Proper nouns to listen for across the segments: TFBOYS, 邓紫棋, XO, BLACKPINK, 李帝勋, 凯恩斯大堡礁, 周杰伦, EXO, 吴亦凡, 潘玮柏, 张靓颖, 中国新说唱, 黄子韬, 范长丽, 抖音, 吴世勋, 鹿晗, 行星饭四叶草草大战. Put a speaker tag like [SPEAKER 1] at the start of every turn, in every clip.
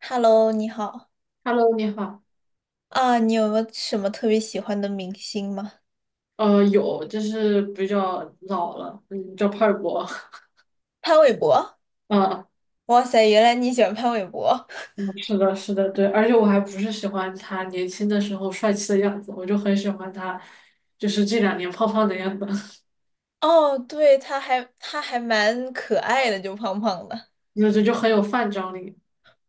[SPEAKER 1] Hello，你好
[SPEAKER 2] Hello，你好。
[SPEAKER 1] 啊，你有没有什么特别喜欢的明星吗？
[SPEAKER 2] 有，就是比较老了，嗯，叫派博。
[SPEAKER 1] 潘玮柏，
[SPEAKER 2] 啊，
[SPEAKER 1] 哇塞，原来你喜欢潘玮柏。
[SPEAKER 2] 嗯是的，是的，对。而且我还不是喜欢他年轻的时候帅气的样子，我就很喜欢他，就是这两年胖胖的样子，
[SPEAKER 1] 哦，对，他还蛮可爱的，就胖胖的。
[SPEAKER 2] 就很有范张力。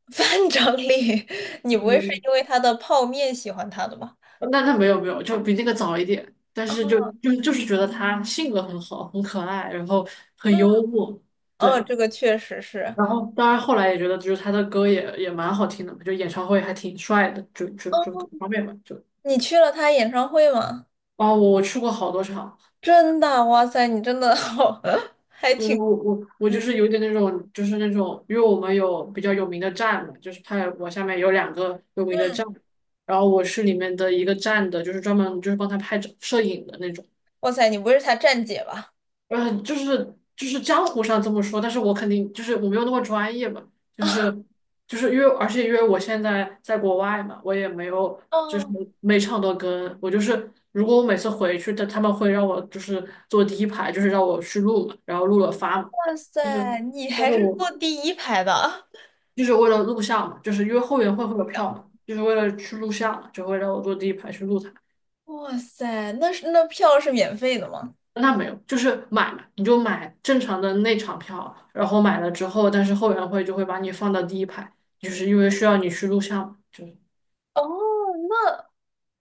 [SPEAKER 1] 范长丽，你不会是
[SPEAKER 2] 嗯，
[SPEAKER 1] 因为他的泡面喜欢他的吧？
[SPEAKER 2] 那没有没有，就比那个早一点。但
[SPEAKER 1] 啊，
[SPEAKER 2] 是就是觉得他性格很好，很可爱，然后很
[SPEAKER 1] 嗯，
[SPEAKER 2] 幽默，
[SPEAKER 1] 哦，
[SPEAKER 2] 对。
[SPEAKER 1] 这个确实是。
[SPEAKER 2] 然后当然后来也觉得，就是他的歌也蛮好听的嘛就演唱会还挺帅的，就各方面吧，就。
[SPEAKER 1] 你去了他演唱会吗？
[SPEAKER 2] 哦，我去过好多场，
[SPEAKER 1] 真的，哇塞，你真的好，还
[SPEAKER 2] 就
[SPEAKER 1] 挺，
[SPEAKER 2] 是我就
[SPEAKER 1] 嗯
[SPEAKER 2] 是有点那种，就是那种，因为我们有比较有名的站嘛，就是泰国下面有两个有名的
[SPEAKER 1] 嗯，
[SPEAKER 2] 站，然后我是里面的一个站的，就是专门就是帮他拍照摄影的那种。
[SPEAKER 1] 哇塞，你不会是他站姐吧？
[SPEAKER 2] 嗯，就是江湖上这么说，但是我肯定就是我没有那么专业嘛，就是就是因为而且因为我现在在国外嘛，我也没有就是
[SPEAKER 1] 哦，
[SPEAKER 2] 每场都跟，我就是如果我每次回去，他们会让我就是坐第一排，就是让我去录嘛，然后录了发嘛，
[SPEAKER 1] 哇
[SPEAKER 2] 就是
[SPEAKER 1] 塞，你
[SPEAKER 2] 但
[SPEAKER 1] 还
[SPEAKER 2] 是
[SPEAKER 1] 是
[SPEAKER 2] 我
[SPEAKER 1] 坐第一排的。
[SPEAKER 2] 就是为了录像嘛，就是因为后援会会有票嘛，
[SPEAKER 1] 样
[SPEAKER 2] 就是为了去录像嘛就会让我坐第一排去录它。
[SPEAKER 1] 哇塞，那是那票是免费的吗？
[SPEAKER 2] 那没有，就是买嘛，你就买正常的内场票，然后买了之后，但是后援会就会把你放到第一排，就是因为需要你去录像嘛就是
[SPEAKER 1] 哦，那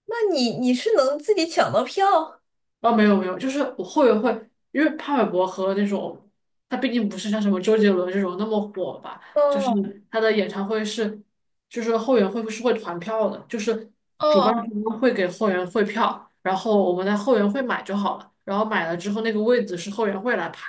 [SPEAKER 1] 那你是能自己抢到票？
[SPEAKER 2] 哦，没有没有，就是我后援会，因为潘玮柏和那种他毕竟不是像什么周杰伦这种那么火吧，就是
[SPEAKER 1] 哦
[SPEAKER 2] 他的演唱会是，就是后援会是会团票的，就是主办
[SPEAKER 1] 哦
[SPEAKER 2] 方会给后援会票，然后我们在后援会买就好了，然后买了之后那个位子是后援会来排，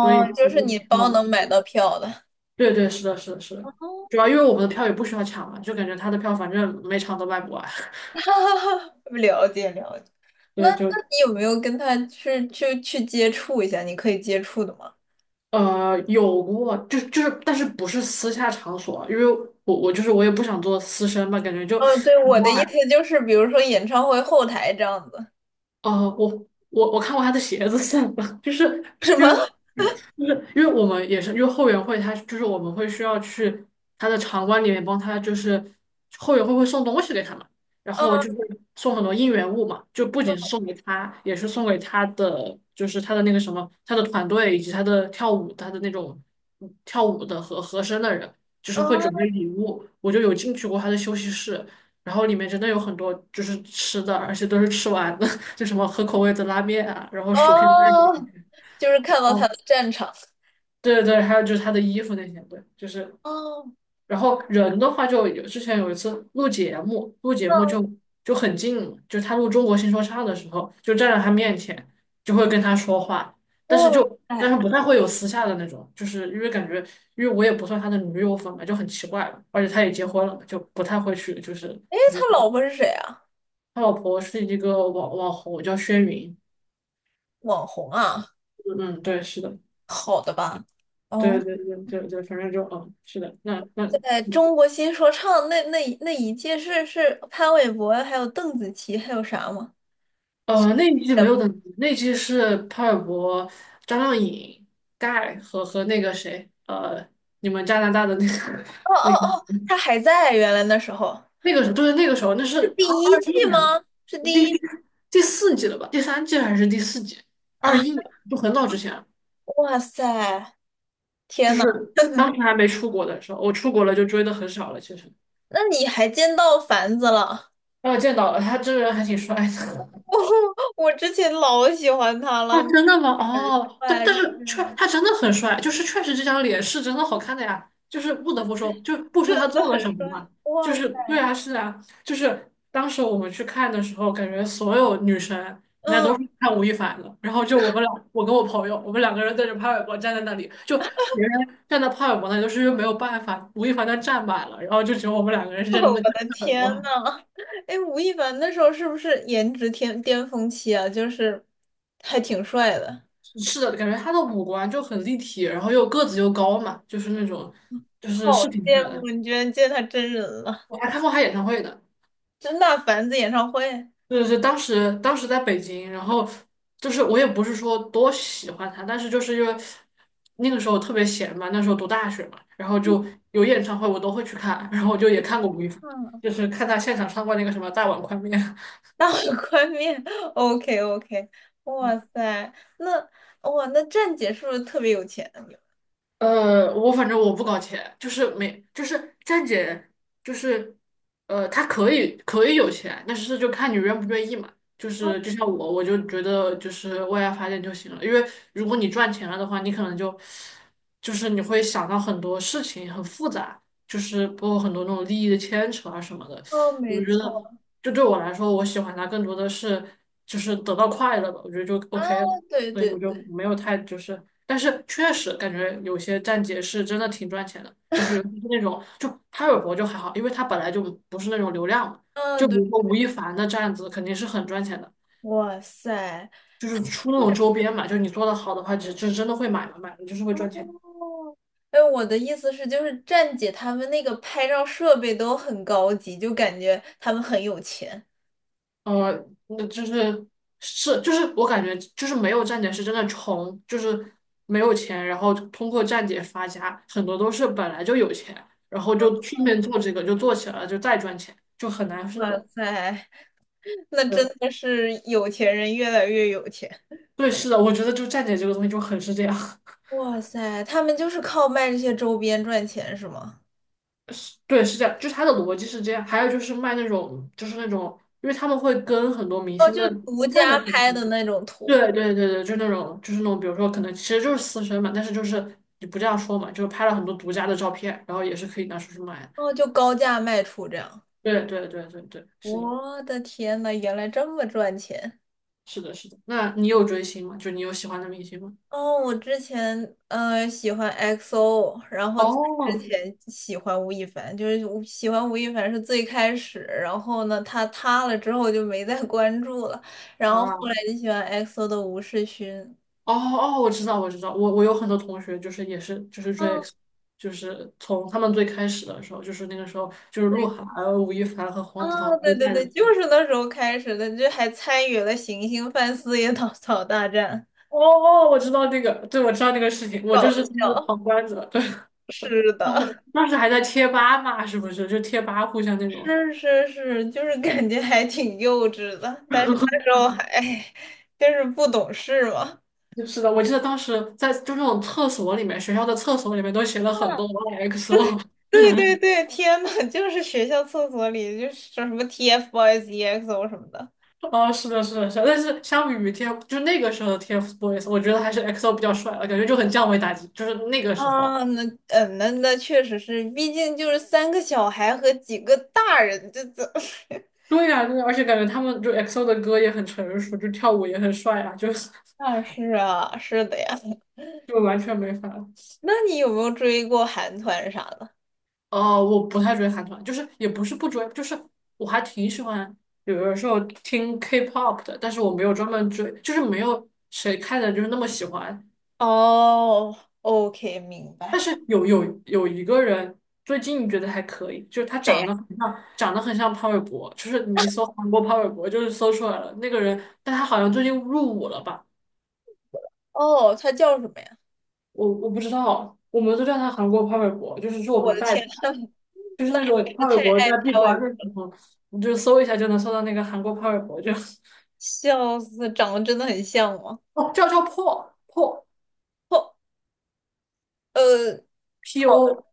[SPEAKER 2] 所以就
[SPEAKER 1] 就
[SPEAKER 2] 是
[SPEAKER 1] 是
[SPEAKER 2] 不同
[SPEAKER 1] 你包能
[SPEAKER 2] 票。
[SPEAKER 1] 买到票的。
[SPEAKER 2] 对对，是的，是的，是的，
[SPEAKER 1] 哦，
[SPEAKER 2] 主要因为我们的票也不需要抢嘛，就感觉他的票反正每场都卖不完，
[SPEAKER 1] 哈哈哈了解了解。那
[SPEAKER 2] 对，就
[SPEAKER 1] 那你有没有跟他去接触一下？你可以接触的吗？
[SPEAKER 2] 呃有过，就是，但是不是私下场所，因为我就是我也不想做私生嘛，感觉就
[SPEAKER 1] 哦，对，我
[SPEAKER 2] w
[SPEAKER 1] 的
[SPEAKER 2] h
[SPEAKER 1] 意
[SPEAKER 2] y
[SPEAKER 1] 思就是，比如说演唱会后台这样子，
[SPEAKER 2] 呃，我我看过他的鞋子算了，就是
[SPEAKER 1] 是
[SPEAKER 2] 因
[SPEAKER 1] 吗？
[SPEAKER 2] 为我们也是，因为后援会他就是我们会需要去他的场馆里面帮他，就是后援会会送东西给他们，然后就
[SPEAKER 1] 嗯
[SPEAKER 2] 会送很多应援物嘛，就不仅是送给他，也是送给他的，就是他的那个什么，他的团队以及他的跳舞，他的那种跳舞的和和声的人，就是会准备
[SPEAKER 1] 嗯
[SPEAKER 2] 礼物。我就有进去过他的休息室，然后里面真的有很多就是吃的，而且都是吃完的，就什么合口味的拉面啊，然后薯片蛋这
[SPEAKER 1] 哦，就是看到他
[SPEAKER 2] 哦。
[SPEAKER 1] 的战场。
[SPEAKER 2] 对对，还有就是他的衣服那些，对，就是，
[SPEAKER 1] 哦，
[SPEAKER 2] 然后人的话就有之前有一次录节目，录节目
[SPEAKER 1] 那
[SPEAKER 2] 就很近嘛，就他录《中国新说唱》的时候，就站在他面前，就会跟他说话，但是
[SPEAKER 1] 哇
[SPEAKER 2] 就但是
[SPEAKER 1] 塞，
[SPEAKER 2] 不太会有私下的那种，就是因为感觉，因为我也不算他的女友粉嘛，就很奇怪了，而且他也结婚了嘛，就不太会去，就是
[SPEAKER 1] 哎，
[SPEAKER 2] 就是
[SPEAKER 1] 他老婆是谁啊？
[SPEAKER 2] 他老婆是一个网红叫轩云，
[SPEAKER 1] 网红啊？
[SPEAKER 2] 嗯嗯，对，是的，
[SPEAKER 1] 好的吧？
[SPEAKER 2] 对
[SPEAKER 1] 哦，
[SPEAKER 2] 对对对对，反正就嗯，是的，那
[SPEAKER 1] 在中国新说唱那一届是潘玮柏，还有邓紫棋，还有啥吗？
[SPEAKER 2] 那一季没有邓紫棋，那一季是潘玮柏、张靓颖、盖和那个谁，你们加拿大的那个，
[SPEAKER 1] 哦哦哦，
[SPEAKER 2] 那
[SPEAKER 1] 他还在，原来那时候
[SPEAKER 2] 那个时候对，那个时候那是
[SPEAKER 1] 是第
[SPEAKER 2] 二
[SPEAKER 1] 一
[SPEAKER 2] 二
[SPEAKER 1] 季
[SPEAKER 2] 一年，
[SPEAKER 1] 吗？是第
[SPEAKER 2] 第
[SPEAKER 1] 一
[SPEAKER 2] 第第四季了吧？第三季还是第四季？二
[SPEAKER 1] 啊！
[SPEAKER 2] 一年就很早之前了
[SPEAKER 1] 哇塞，
[SPEAKER 2] 就
[SPEAKER 1] 天呐，
[SPEAKER 2] 是当时还没出国的时候，我出国了就追的很少了。其实，
[SPEAKER 1] 那你还见到凡子了？
[SPEAKER 2] 啊，见到了他真人还挺帅的。
[SPEAKER 1] 我我之前老喜欢他了，
[SPEAKER 2] 啊，真的吗？
[SPEAKER 1] 很
[SPEAKER 2] 哦，对，
[SPEAKER 1] 帅
[SPEAKER 2] 但是
[SPEAKER 1] 是
[SPEAKER 2] 确
[SPEAKER 1] 吗？
[SPEAKER 2] 他真的很帅，就是确实这张脸是真的好看的呀，就是不
[SPEAKER 1] 哇
[SPEAKER 2] 得
[SPEAKER 1] 塞，
[SPEAKER 2] 不说，就不
[SPEAKER 1] 真
[SPEAKER 2] 说他
[SPEAKER 1] 的
[SPEAKER 2] 做
[SPEAKER 1] 很
[SPEAKER 2] 了什么
[SPEAKER 1] 帅，
[SPEAKER 2] 嘛，就
[SPEAKER 1] 哇塞，
[SPEAKER 2] 是对啊，是啊，就是当时我们去看的时候，感觉所有女生人家都
[SPEAKER 1] 嗯。
[SPEAKER 2] 是看吴亦凡的，然后就我们俩，我跟我朋友，我们两个人对着潘玮柏站在那里，就别人站在潘玮柏那里，就是因为没有办法，吴亦凡他站满了，然后就只有我们两个人是认真的看
[SPEAKER 1] 的
[SPEAKER 2] 潘玮
[SPEAKER 1] 天
[SPEAKER 2] 柏。
[SPEAKER 1] 呐，哎，吴亦凡那时候是不是颜值天巅峰期啊？就是还挺帅的，
[SPEAKER 2] 是的，感觉他的五官就很立体，然后又个子又高嘛，就是那种就是
[SPEAKER 1] 好
[SPEAKER 2] 是挺出
[SPEAKER 1] 羡
[SPEAKER 2] 来
[SPEAKER 1] 慕
[SPEAKER 2] 的。
[SPEAKER 1] 你居然见他真人了，
[SPEAKER 2] 我还看过他演唱会的，
[SPEAKER 1] 真大凡子演唱会，
[SPEAKER 2] 就是当时在北京，然后就是我也不是说多喜欢他，但是就是因为那个时候特别闲嘛，那时候读大学嘛，然后就有演唱会我都会去看，然后我就也看过吴亦凡，
[SPEAKER 1] 嗯，
[SPEAKER 2] 就是看他现场唱过那个什么《大碗宽面》
[SPEAKER 1] 大碗宽面，OK OK，哇塞，那哇那站姐是不是特别有钱？
[SPEAKER 2] 我反正我不搞钱，就是没，就是站姐，就是，她可以可以有钱，但是就看你愿不愿意嘛。就是就像我，我就觉得就是为爱发电就行了，因为如果你赚钱了的话，你可能就就是你会想到很多事情很复杂，就是包括很多那种利益的牵扯啊什么的。
[SPEAKER 1] 哦，
[SPEAKER 2] 我
[SPEAKER 1] 没
[SPEAKER 2] 觉
[SPEAKER 1] 错
[SPEAKER 2] 得就对我来说，我喜欢它更多的是就是得到快乐吧，我觉得就
[SPEAKER 1] 啊，
[SPEAKER 2] OK 了。
[SPEAKER 1] 对
[SPEAKER 2] 所以
[SPEAKER 1] 对
[SPEAKER 2] 我就
[SPEAKER 1] 对，
[SPEAKER 2] 没有太就是，但是确实感觉有些站姐是真的挺赚钱的，就是尤其是那种就潘玮柏就还好，因为他本来就不是那种流量嘛，
[SPEAKER 1] 啊
[SPEAKER 2] 就比
[SPEAKER 1] 对，
[SPEAKER 2] 如说吴亦凡的站子肯定是很赚钱的，
[SPEAKER 1] 哇塞，
[SPEAKER 2] 就是出那种周边嘛，就你做的好的话，就真的会买嘛，买了就是会赚钱。
[SPEAKER 1] 哦，哎，我的意思是，就是站姐他们那个拍照设备都很高级，就感觉他们很有钱。
[SPEAKER 2] 那就是是就是我感觉就是没有站姐是真的穷，就是没有钱，然后通过站姐发家，很多都是本来就有钱，然后就顺
[SPEAKER 1] 嗯，
[SPEAKER 2] 便做这个就做起来了，就再赚钱，就很难是那
[SPEAKER 1] 哇
[SPEAKER 2] 种。
[SPEAKER 1] 塞，那真
[SPEAKER 2] 对，
[SPEAKER 1] 的是有钱人越来越有钱。
[SPEAKER 2] 对，是的，我觉得就站姐这个东西就很是这样，
[SPEAKER 1] 哇塞，他们就是靠卖这些周边赚钱是吗？
[SPEAKER 2] 对，是这样，就是它的逻辑是这样。还有就是卖那种就是那种，因为他们会跟很多明
[SPEAKER 1] 哦，
[SPEAKER 2] 星
[SPEAKER 1] 就
[SPEAKER 2] 的
[SPEAKER 1] 独
[SPEAKER 2] 私
[SPEAKER 1] 家
[SPEAKER 2] 下的信
[SPEAKER 1] 拍的
[SPEAKER 2] 息
[SPEAKER 1] 那种图，
[SPEAKER 2] 对对对对，就那种就是那种，比如说可能其实就是私生嘛，但是就是你不这样说嘛，就是拍了很多独家的照片，然后也是可以拿出去卖。
[SPEAKER 1] 哦，就高价卖出这样。
[SPEAKER 2] 对对对对对，是的，
[SPEAKER 1] 我的天呐，原来这么赚钱！
[SPEAKER 2] 是的，是的。那你有追星吗？就你有喜欢的明星吗？
[SPEAKER 1] 哦，我之前喜欢 XO，然后在之
[SPEAKER 2] 哦，
[SPEAKER 1] 前喜欢吴亦凡，就是喜欢吴亦凡是最开始，然后呢他塌了之后就没再关注了，然后后来
[SPEAKER 2] 啊，
[SPEAKER 1] 就喜欢 XO 的吴世勋。
[SPEAKER 2] 哦哦，我知道我知道，我有很多同学就是也是就是追
[SPEAKER 1] 哦，
[SPEAKER 2] X，就是从他们最开始的时候，就是那个时候就是
[SPEAKER 1] 对，
[SPEAKER 2] 鹿晗、有吴亦凡和黄子韬
[SPEAKER 1] 哦，
[SPEAKER 2] 都
[SPEAKER 1] 对对
[SPEAKER 2] 在的。
[SPEAKER 1] 对，就是那时候开始的，就还参与了《行星饭四叶草草大战》，
[SPEAKER 2] 哦哦，我知道那个，对，我知道那个事情，我就
[SPEAKER 1] 搞
[SPEAKER 2] 是就是
[SPEAKER 1] 笑。
[SPEAKER 2] 旁观者。对
[SPEAKER 1] 是
[SPEAKER 2] 当
[SPEAKER 1] 的，
[SPEAKER 2] 时当时还在贴吧嘛，是不是？就贴吧互相那种。
[SPEAKER 1] 是是是，就是感觉还挺幼稚的，但是那时候还，哎就是不懂事嘛。
[SPEAKER 2] 就是的，我记得当时在就那种厕所里面，学校的厕所里面都写了很多 YXO。
[SPEAKER 1] 对对 对，天呐，就是学校厕所里就是说什么 TFBOYS、EXO 什么的
[SPEAKER 2] 哦，是的，是的，是的。但是相比于 TF，就那个时候的 TFBOYS，我觉得还是 XO 比较帅了，感觉就很降维打击。就是那个时候，
[SPEAKER 1] 啊，那嗯，那确实是，毕竟就是三个小孩和几个大人，这
[SPEAKER 2] 对呀、对呀，而且感觉他们就 XO 的歌也很成熟，就跳舞也很帅啊，就是
[SPEAKER 1] 啊是啊是的呀。
[SPEAKER 2] 就完全没法。
[SPEAKER 1] 那你有没有追过韩团啥的？
[SPEAKER 2] 哦，我不太追韩团，就是也不是不追，就是我还挺喜欢，有的时候听 K-pop 的，但是我没有专门追，就是没有谁看的就是那么喜欢。
[SPEAKER 1] 哦，OK，明
[SPEAKER 2] 但
[SPEAKER 1] 白。
[SPEAKER 2] 是有有一个人最近觉得还可以，就是他
[SPEAKER 1] 谁
[SPEAKER 2] 长
[SPEAKER 1] 呀？
[SPEAKER 2] 得很像，长得很像潘玮柏，就是你一搜韩国潘玮柏就是搜出来了那个人，但他好像最近入伍了吧？
[SPEAKER 1] 哦，他叫什么呀？
[SPEAKER 2] 我不知道，我们都叫他韩国潘玮柏，就是是我们
[SPEAKER 1] 我
[SPEAKER 2] 的
[SPEAKER 1] 的
[SPEAKER 2] 代
[SPEAKER 1] 天
[SPEAKER 2] 表，
[SPEAKER 1] 呐，
[SPEAKER 2] 就是
[SPEAKER 1] 那
[SPEAKER 2] 那
[SPEAKER 1] 还
[SPEAKER 2] 种
[SPEAKER 1] 是
[SPEAKER 2] 潘玮
[SPEAKER 1] 太
[SPEAKER 2] 柏在
[SPEAKER 1] 爱
[SPEAKER 2] 闭
[SPEAKER 1] 拍我，
[SPEAKER 2] 关的时候，你就搜一下就能搜到那个韩国潘玮柏就。
[SPEAKER 1] 笑死，长得真的很像吗？
[SPEAKER 2] 哦，叫破破
[SPEAKER 1] 哦，
[SPEAKER 2] P
[SPEAKER 1] P 好
[SPEAKER 2] O，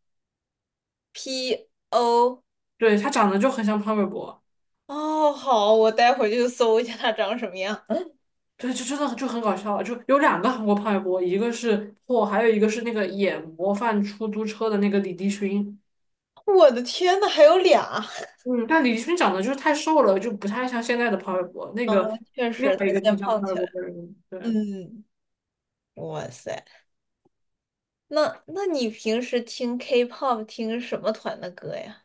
[SPEAKER 1] ，P O。
[SPEAKER 2] 对，他长得就很像潘玮柏，
[SPEAKER 1] 哦，好，我待会儿就搜一下他长什么样。
[SPEAKER 2] 对，就真的就很搞笑，就有两个韩国潘玮柏，一个是破，还有一个是那个演模范出租车的那个李帝勋，
[SPEAKER 1] 我的天呐，还有俩！
[SPEAKER 2] 嗯，但李帝勋长得就是太瘦了，就不太像现在的潘玮柏，那
[SPEAKER 1] 啊！
[SPEAKER 2] 个
[SPEAKER 1] 确
[SPEAKER 2] 另
[SPEAKER 1] 实，他
[SPEAKER 2] 外一
[SPEAKER 1] 现
[SPEAKER 2] 个
[SPEAKER 1] 在
[SPEAKER 2] 挺像潘
[SPEAKER 1] 胖
[SPEAKER 2] 玮
[SPEAKER 1] 起来
[SPEAKER 2] 柏的
[SPEAKER 1] 了。
[SPEAKER 2] 人，对，
[SPEAKER 1] 嗯，哇塞，那你平时听 K-pop 听什么团的歌呀？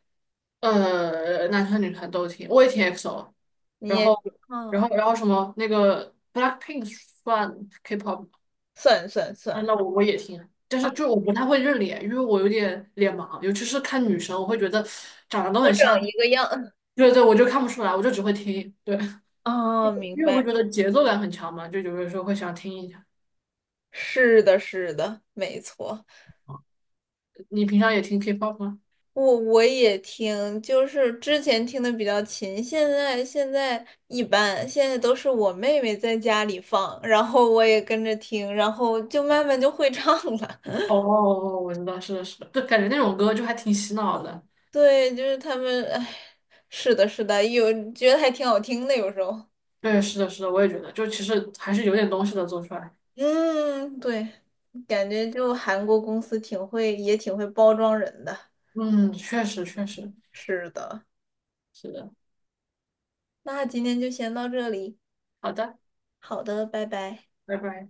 [SPEAKER 2] 男团女团都挺，我也挺 EXO，
[SPEAKER 1] 你
[SPEAKER 2] 然
[SPEAKER 1] 也
[SPEAKER 2] 后然
[SPEAKER 1] 啊，
[SPEAKER 2] 后然后什么那个 BLACKPINK 算 K-pop
[SPEAKER 1] 算算
[SPEAKER 2] 啊，
[SPEAKER 1] 算
[SPEAKER 2] 那我也听，但是
[SPEAKER 1] 啊，
[SPEAKER 2] 就我不太会认脸，因为我有点脸盲，尤其是看女生，我会觉得长得都
[SPEAKER 1] 都
[SPEAKER 2] 很
[SPEAKER 1] 长
[SPEAKER 2] 像。
[SPEAKER 1] 一个样
[SPEAKER 2] 对对，我就看不出来，我就只会听。对，
[SPEAKER 1] 啊 明
[SPEAKER 2] 因为我会
[SPEAKER 1] 白。
[SPEAKER 2] 觉得节奏感很强嘛，就有的时候会想听一下。
[SPEAKER 1] 是的，是的，没错。
[SPEAKER 2] 你平常也听 K-pop 吗？
[SPEAKER 1] 我也听，就是之前听的比较勤，现在一般，现在都是我妹妹在家里放，然后我也跟着听，然后就慢慢就会唱了。
[SPEAKER 2] 哦哦哦，我知道，是的，是的，就感觉那种歌就还挺洗脑的。
[SPEAKER 1] 对，就是他们，哎，是的，是的，有觉得还挺好听的，有时候。
[SPEAKER 2] 对，是的，是的，我也觉得，就其实还是有点东西的做出来。
[SPEAKER 1] 嗯，对，感觉就韩国公司挺会，也挺会包装人的。
[SPEAKER 2] 嗯，确实，确实，
[SPEAKER 1] 是的，
[SPEAKER 2] 是的。
[SPEAKER 1] 那今天就先到这里，
[SPEAKER 2] 好的，
[SPEAKER 1] 好的，拜拜。
[SPEAKER 2] 拜拜。